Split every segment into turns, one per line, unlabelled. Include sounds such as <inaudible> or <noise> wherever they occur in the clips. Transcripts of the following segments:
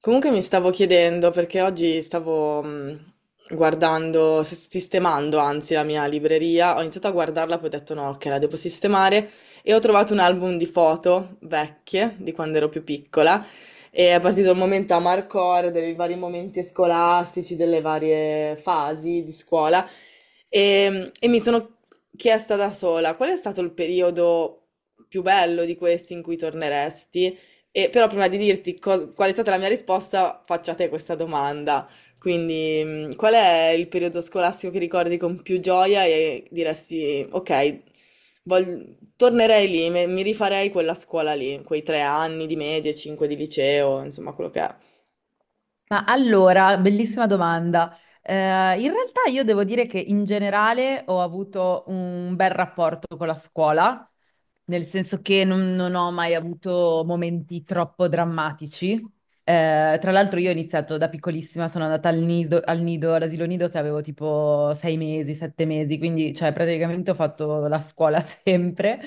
Comunque mi stavo chiedendo, perché oggi stavo guardando, sistemando anzi la mia libreria, ho iniziato a guardarla, poi ho detto no, che la devo sistemare e ho trovato un album di foto vecchie, di quando ero più piccola, e è partito il momento amarcord dei vari momenti scolastici, delle varie fasi di scuola e mi sono chiesta da sola qual è stato il periodo più bello di questi in cui torneresti? E però prima di dirti qual è stata la mia risposta, faccio a te questa domanda. Quindi, qual è il periodo scolastico che ricordi con più gioia e diresti, ok, tornerei lì, mi rifarei quella scuola lì, quei tre anni di medie, cinque di liceo, insomma, quello che è.
Ma allora, bellissima domanda. In realtà io devo dire che in generale ho avuto un bel rapporto con la scuola, nel senso che non ho mai avuto momenti troppo drammatici. Tra l'altro io ho iniziato da piccolissima, sono andata all'asilo nido che avevo tipo sei mesi, sette mesi, quindi cioè praticamente ho fatto la scuola <laughs> sempre.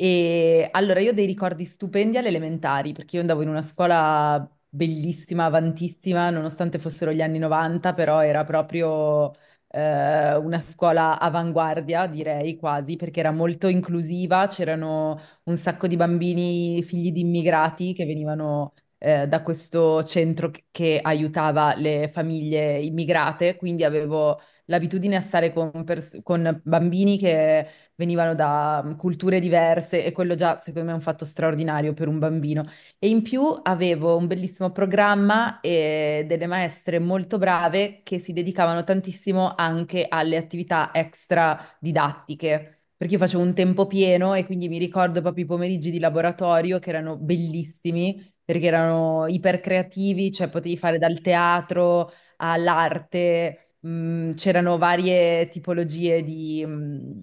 E allora io ho dei ricordi stupendi alle elementari, perché io andavo in una scuola bellissima, avantissima, nonostante fossero gli anni 90, però era proprio una scuola avanguardia, direi quasi, perché era molto inclusiva, c'erano un sacco di bambini figli di immigrati che venivano da questo centro che aiutava le famiglie immigrate, quindi avevo l'abitudine a stare con bambini che venivano da culture diverse e quello già secondo me è un fatto straordinario per un bambino. E in più avevo un bellissimo programma e delle maestre molto brave che si dedicavano tantissimo anche alle attività extra didattiche. Perché io facevo un tempo pieno e quindi mi ricordo proprio i pomeriggi di laboratorio che erano bellissimi perché erano ipercreativi, cioè potevi fare dal teatro all'arte, c'erano varie tipologie di, mh,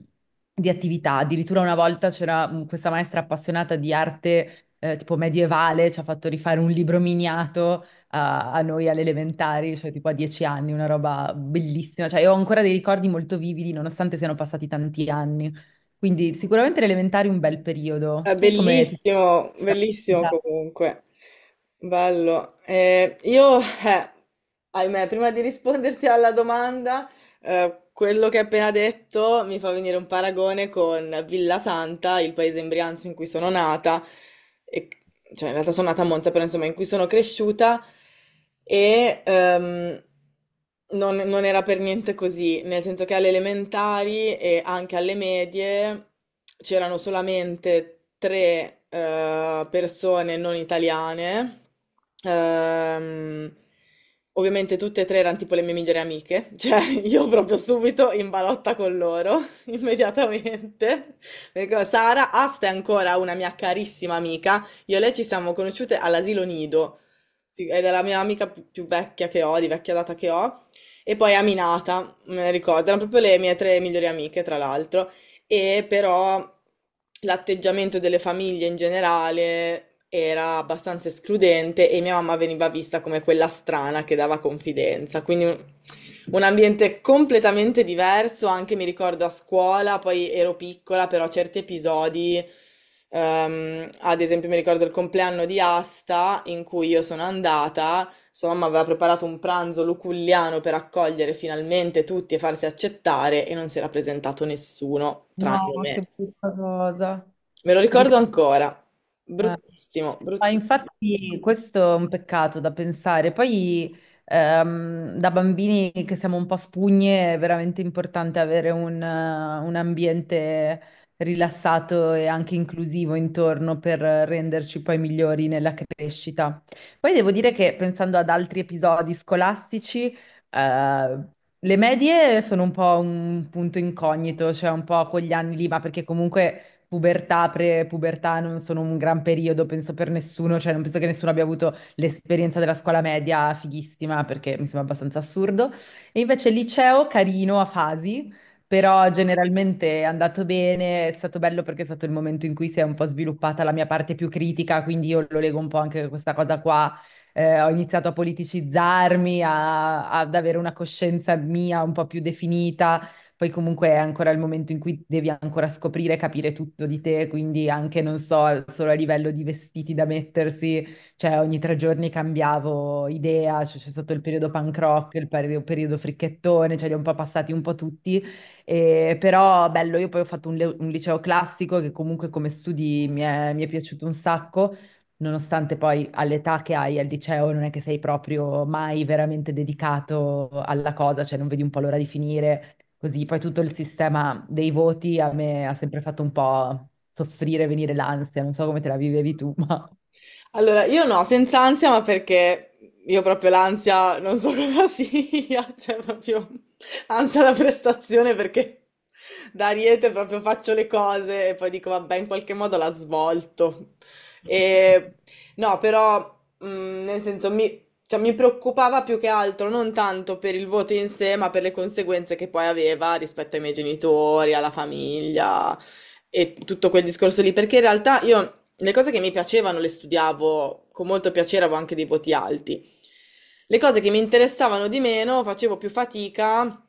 di attività. Addirittura una volta c'era questa maestra appassionata di arte tipo medievale, ci ha fatto rifare un libro miniato a noi alle elementari, cioè tipo a 10 anni, una roba bellissima. Cioè, io ho ancora dei ricordi molto vividi, nonostante siano passati tanti anni. Quindi sicuramente le elementari un bel periodo.
È
Tu come ti...
bellissimo, bellissimo comunque. Bello. Io, ahimè, prima di risponderti alla domanda... quello che hai appena detto mi fa venire un paragone con Villa Santa, il paese in Brianza in cui sono nata, e- cioè in realtà sono nata a Monza, però insomma in cui sono cresciuta e non era per niente così, nel senso che alle elementari e anche alle medie c'erano solamente tre persone non italiane. ehm, Ovviamente tutte e tre erano tipo le mie migliori amiche, <laughs> cioè io proprio subito in balotta con loro, <laughs> immediatamente. Mi ricordo, Sara, Asta è ancora una mia carissima amica, io e lei ci siamo conosciute all'asilo Nido, sì, ed è la mia amica più vecchia che ho, di vecchia data che ho, e poi Aminata, me ne ricordo, erano proprio le mie tre migliori amiche, tra l'altro e però l'atteggiamento delle famiglie in generale era abbastanza escludente e mia mamma veniva vista come quella strana che dava confidenza, quindi un ambiente completamente diverso, anche mi ricordo a scuola, poi ero piccola, però certi episodi, ad esempio mi ricordo il compleanno di Asta in cui io sono andata, sua mamma aveva preparato un pranzo luculliano per accogliere finalmente tutti e farsi accettare e non si era presentato nessuno, tranne
No, che
me.
brutta cosa.
Me lo ricordo
Triste.
ancora. Bruttissimo,
Ma
bruttissimo.
infatti questo è un peccato da pensare. Poi da bambini che siamo un po' spugne è veramente importante avere un ambiente rilassato e anche inclusivo intorno per renderci poi migliori nella crescita. Poi devo dire che pensando ad altri episodi scolastici, eh, le medie sono un po' un punto incognito, cioè un po' quegli anni lì, ma perché comunque pubertà, pre-pubertà non sono un gran periodo, penso per nessuno, cioè non penso che nessuno abbia avuto l'esperienza della scuola media fighissima perché mi sembra abbastanza assurdo. E invece il liceo carino a fasi, però generalmente è andato bene, è stato bello perché è stato il momento in cui si è un po' sviluppata la mia parte più critica, quindi io lo leggo un po' anche a questa cosa qua. Ho iniziato a politicizzarmi, ad avere una coscienza mia un po' più definita, poi comunque è ancora il momento in cui devi ancora scoprire, capire tutto di te, quindi anche, non so, solo a livello di vestiti da mettersi, cioè ogni 3 giorni cambiavo idea, cioè, c'è stato il periodo punk rock, il periodo fricchettone, cioè li ho un po' passati un po' tutti, e- però bello, io poi ho fatto un liceo classico che comunque come studi mi è piaciuto un sacco nonostante poi all'età che hai al liceo non è che sei proprio mai veramente dedicato alla cosa, cioè non vedi un po' l'ora di finire. Così poi tutto il sistema dei voti a me ha sempre fatto un po' soffrire, venire l'ansia, non so come te la vivevi tu, <laughs> ma...
Allora, io no, senza ansia, ma perché io proprio l'ansia non so <laughs> cosa sia, cioè proprio ansia da prestazione perché da Ariete proprio faccio le cose e poi dico vabbè, in qualche modo la svolto. E, no, però mh, nel senso cioè, mi preoccupava più che altro non tanto per il voto in sé, ma per le conseguenze che poi aveva rispetto ai miei genitori, alla famiglia e tutto quel discorso lì, perché in realtà io le cose che mi piacevano le studiavo con molto piacere, avevo anche dei voti alti. Le cose che mi interessavano di meno facevo più fatica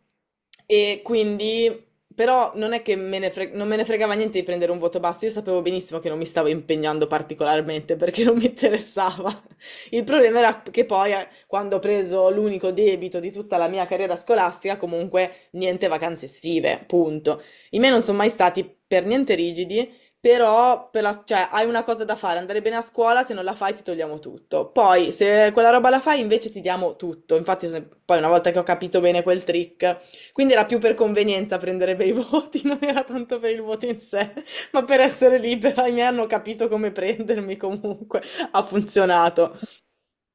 e quindi, però non è che non me ne fregava niente di prendere un voto basso, io sapevo benissimo che non mi stavo impegnando particolarmente <laughs> perché non mi interessava. <laughs> Il problema era che poi, quando ho preso l'unico debito di tutta la mia carriera scolastica, comunque niente vacanze estive, punto. I miei non sono mai stati per niente rigidi. Però cioè, hai una cosa da fare, andare bene a scuola, se non la fai ti togliamo tutto. Poi se quella roba la fai invece ti diamo tutto. Infatti poi una volta che ho capito bene quel trick, quindi era più per convenienza prendere bei <laughs> voti, non era tanto per il voto in sé, ma per essere libera. I miei hanno capito come prendermi comunque, ha funzionato.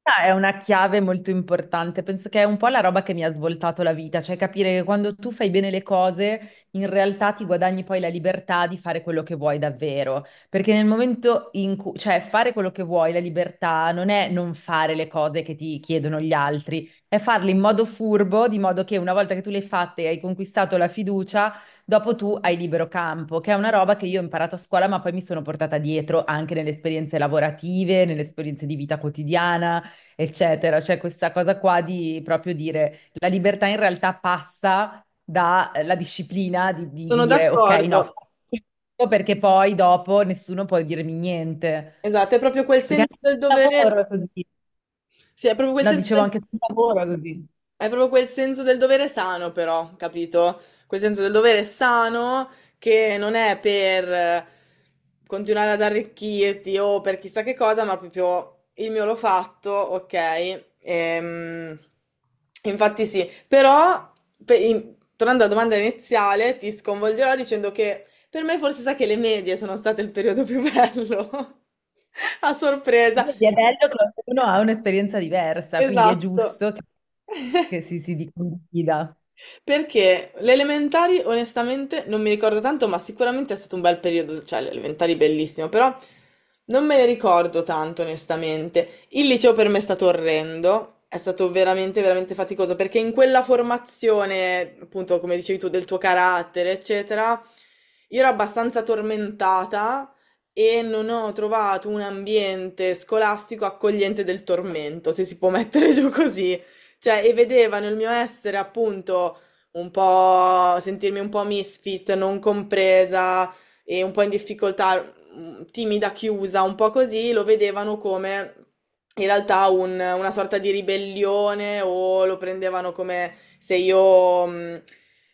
Ah, è una chiave molto importante, penso che è un po' la roba che mi ha svoltato la vita, cioè capire che quando tu fai bene le cose, in realtà ti guadagni poi la libertà di fare quello che vuoi davvero, perché nel momento in cui, cioè fare quello che vuoi, la libertà non è non fare le cose che ti chiedono gli altri, è farle in modo furbo, di modo che una volta che tu le hai fatte e hai conquistato la fiducia, dopo tu hai libero campo, che è una roba che io ho imparato a scuola, ma poi mi sono portata dietro anche nelle esperienze lavorative, nelle esperienze di vita quotidiana eccetera. Cioè questa cosa qua di proprio dire la libertà in realtà passa dalla disciplina di
Sono
dire ok, no,
d'accordo.
faccio questo perché poi dopo nessuno può dirmi niente.
Esatto, è proprio quel
Perché
senso
anche
del
sul lavoro
dovere.
è così.
Sì, è proprio quel
No,
senso
dicevo
del.
anche sul lavoro è così.
Hai proprio quel senso del dovere sano però, capito? Quel senso del dovere sano che non è per continuare ad arricchirti o per chissà che cosa, ma proprio il mio l'ho fatto, ok? Infatti sì, però tornando alla domanda iniziale, ti sconvolgerò dicendo che per me forse sa che le medie sono state il periodo più bello, <laughs> a sorpresa,
Vedi, è bello che ognuno ha un'esperienza diversa, quindi è
esatto.
giusto
<laughs>
che si condivida.
Perché le elementari, onestamente, non mi ricordo tanto, ma sicuramente è stato un bel periodo, cioè le elementari bellissimo, però non me ne ricordo tanto, onestamente. Il liceo per me è stato orrendo, è stato veramente, veramente faticoso, perché in quella formazione, appunto, come dicevi tu, del tuo carattere, eccetera, io ero abbastanza tormentata e non ho trovato un ambiente scolastico accogliente del tormento, se si può mettere <laughs> giù così. Cioè, e vedevano il mio essere appunto un po' sentirmi un po' misfit, non compresa e un po' in difficoltà, timida, chiusa, un po' così, lo vedevano come in realtà una sorta di ribellione o lo prendevano come se io...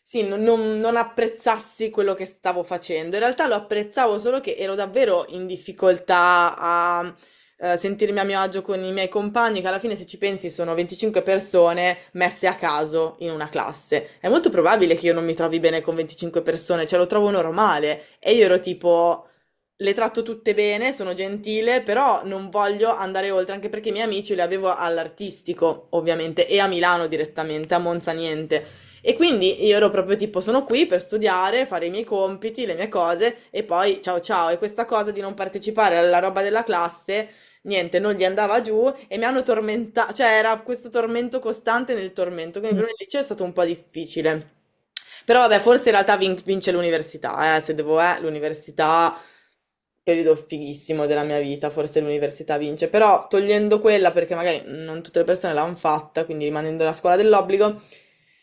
sì, non apprezzassi quello che stavo facendo. In realtà lo apprezzavo solo che ero davvero in difficoltà a sentirmi a mio agio con i miei compagni, che alla fine, se ci pensi, sono 25 persone messe a caso in una classe. È molto probabile che io non mi trovi bene con 25 persone, cioè lo trovo normale. E io ero tipo le tratto tutte bene, sono gentile, però non voglio andare oltre, anche perché i miei amici li avevo all'artistico, ovviamente, e a Milano direttamente, a Monza niente. E quindi io ero proprio tipo, sono qui per studiare, fare i miei compiti, le mie cose, e poi ciao ciao. E questa cosa di non partecipare alla roba della classe, niente, non gli andava giù e mi hanno tormentato, cioè era questo tormento costante nel tormento, quindi
Mm.
per me il liceo è stato un po' difficile. Però vabbè, forse in realtà vince l'università, se devo, l'università periodo fighissimo della mia vita, forse l'università vince, però togliendo quella perché magari non tutte le persone l'hanno fatta, quindi rimanendo la scuola dell'obbligo,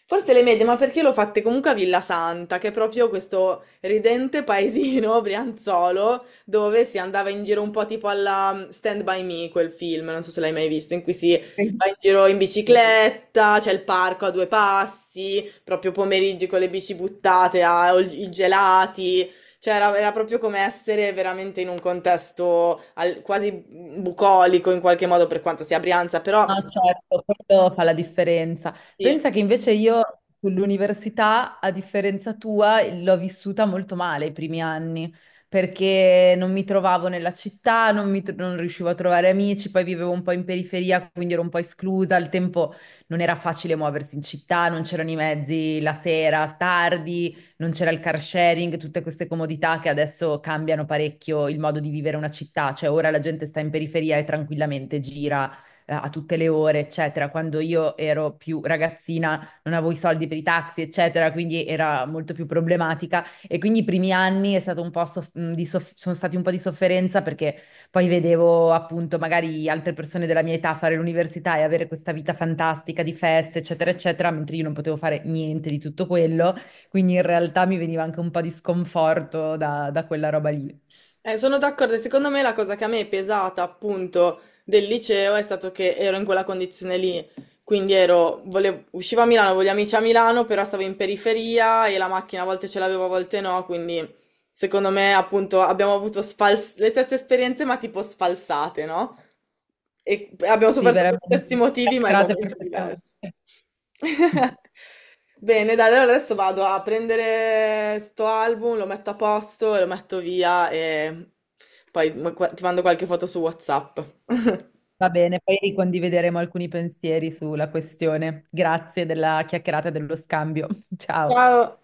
forse le medie, ma perché l'ho fatte comunque a Villa Santa, che è proprio questo ridente paesino <laughs> brianzolo dove si andava in giro un po' tipo alla Stand By Me, quel film, non so se l'hai mai visto, in cui si
Sì,
va in giro in
sì.
bicicletta, c'è il parco a due passi, proprio pomeriggi con le bici buttate, ah, o i gelati. Cioè, era proprio come essere veramente in un contesto quasi bucolico in qualche modo, per quanto sia Brianza, però
No, certo, quello fa la differenza.
sì.
Pensa che invece io sull'università, a differenza tua, l'ho vissuta molto male i primi anni, perché non mi trovavo nella città, non, mi tro- non riuscivo a trovare amici, poi vivevo un po' in periferia, quindi ero un po' esclusa. Al tempo non era facile muoversi in città, non c'erano i mezzi la sera, tardi, non c'era il car sharing, tutte queste comodità che adesso cambiano parecchio il modo di vivere una città. Cioè ora la gente sta in periferia e tranquillamente gira a tutte le ore, eccetera. Quando io ero più ragazzina non avevo i soldi per i taxi, eccetera, quindi era molto più problematica. E quindi i primi anni è stato un po' soff- di soff- sono stati un po' di sofferenza perché poi vedevo appunto magari altre persone della mia età fare l'università e avere questa vita fantastica di feste, eccetera, eccetera, mentre io non potevo fare niente di tutto quello. Quindi in realtà mi veniva anche un po' di sconforto da, da quella roba lì.
Sono d'accordo. E secondo me la cosa che a me è pesata appunto del liceo è stato che ero in quella condizione lì. Quindi uscivo a Milano, avevo gli amici a Milano, però stavo in periferia e la macchina a volte ce l'avevo, a volte no, quindi secondo me, appunto, abbiamo avuto le stesse esperienze, ma tipo sfalsate, no? E abbiamo
Sì,
sofferto per gli stessi
veramente.
motivi, ma in
Castrate
momenti diversi.
perfettamente.
<laughs>
<laughs>
Bene, dai, allora adesso vado a prendere sto album, lo metto a posto, e lo metto via e poi ti mando qualche foto su WhatsApp. <laughs>
Va bene, poi ricondivideremo alcuni pensieri sulla questione. Grazie della chiacchierata e dello scambio. <laughs> Ciao.
Ciao!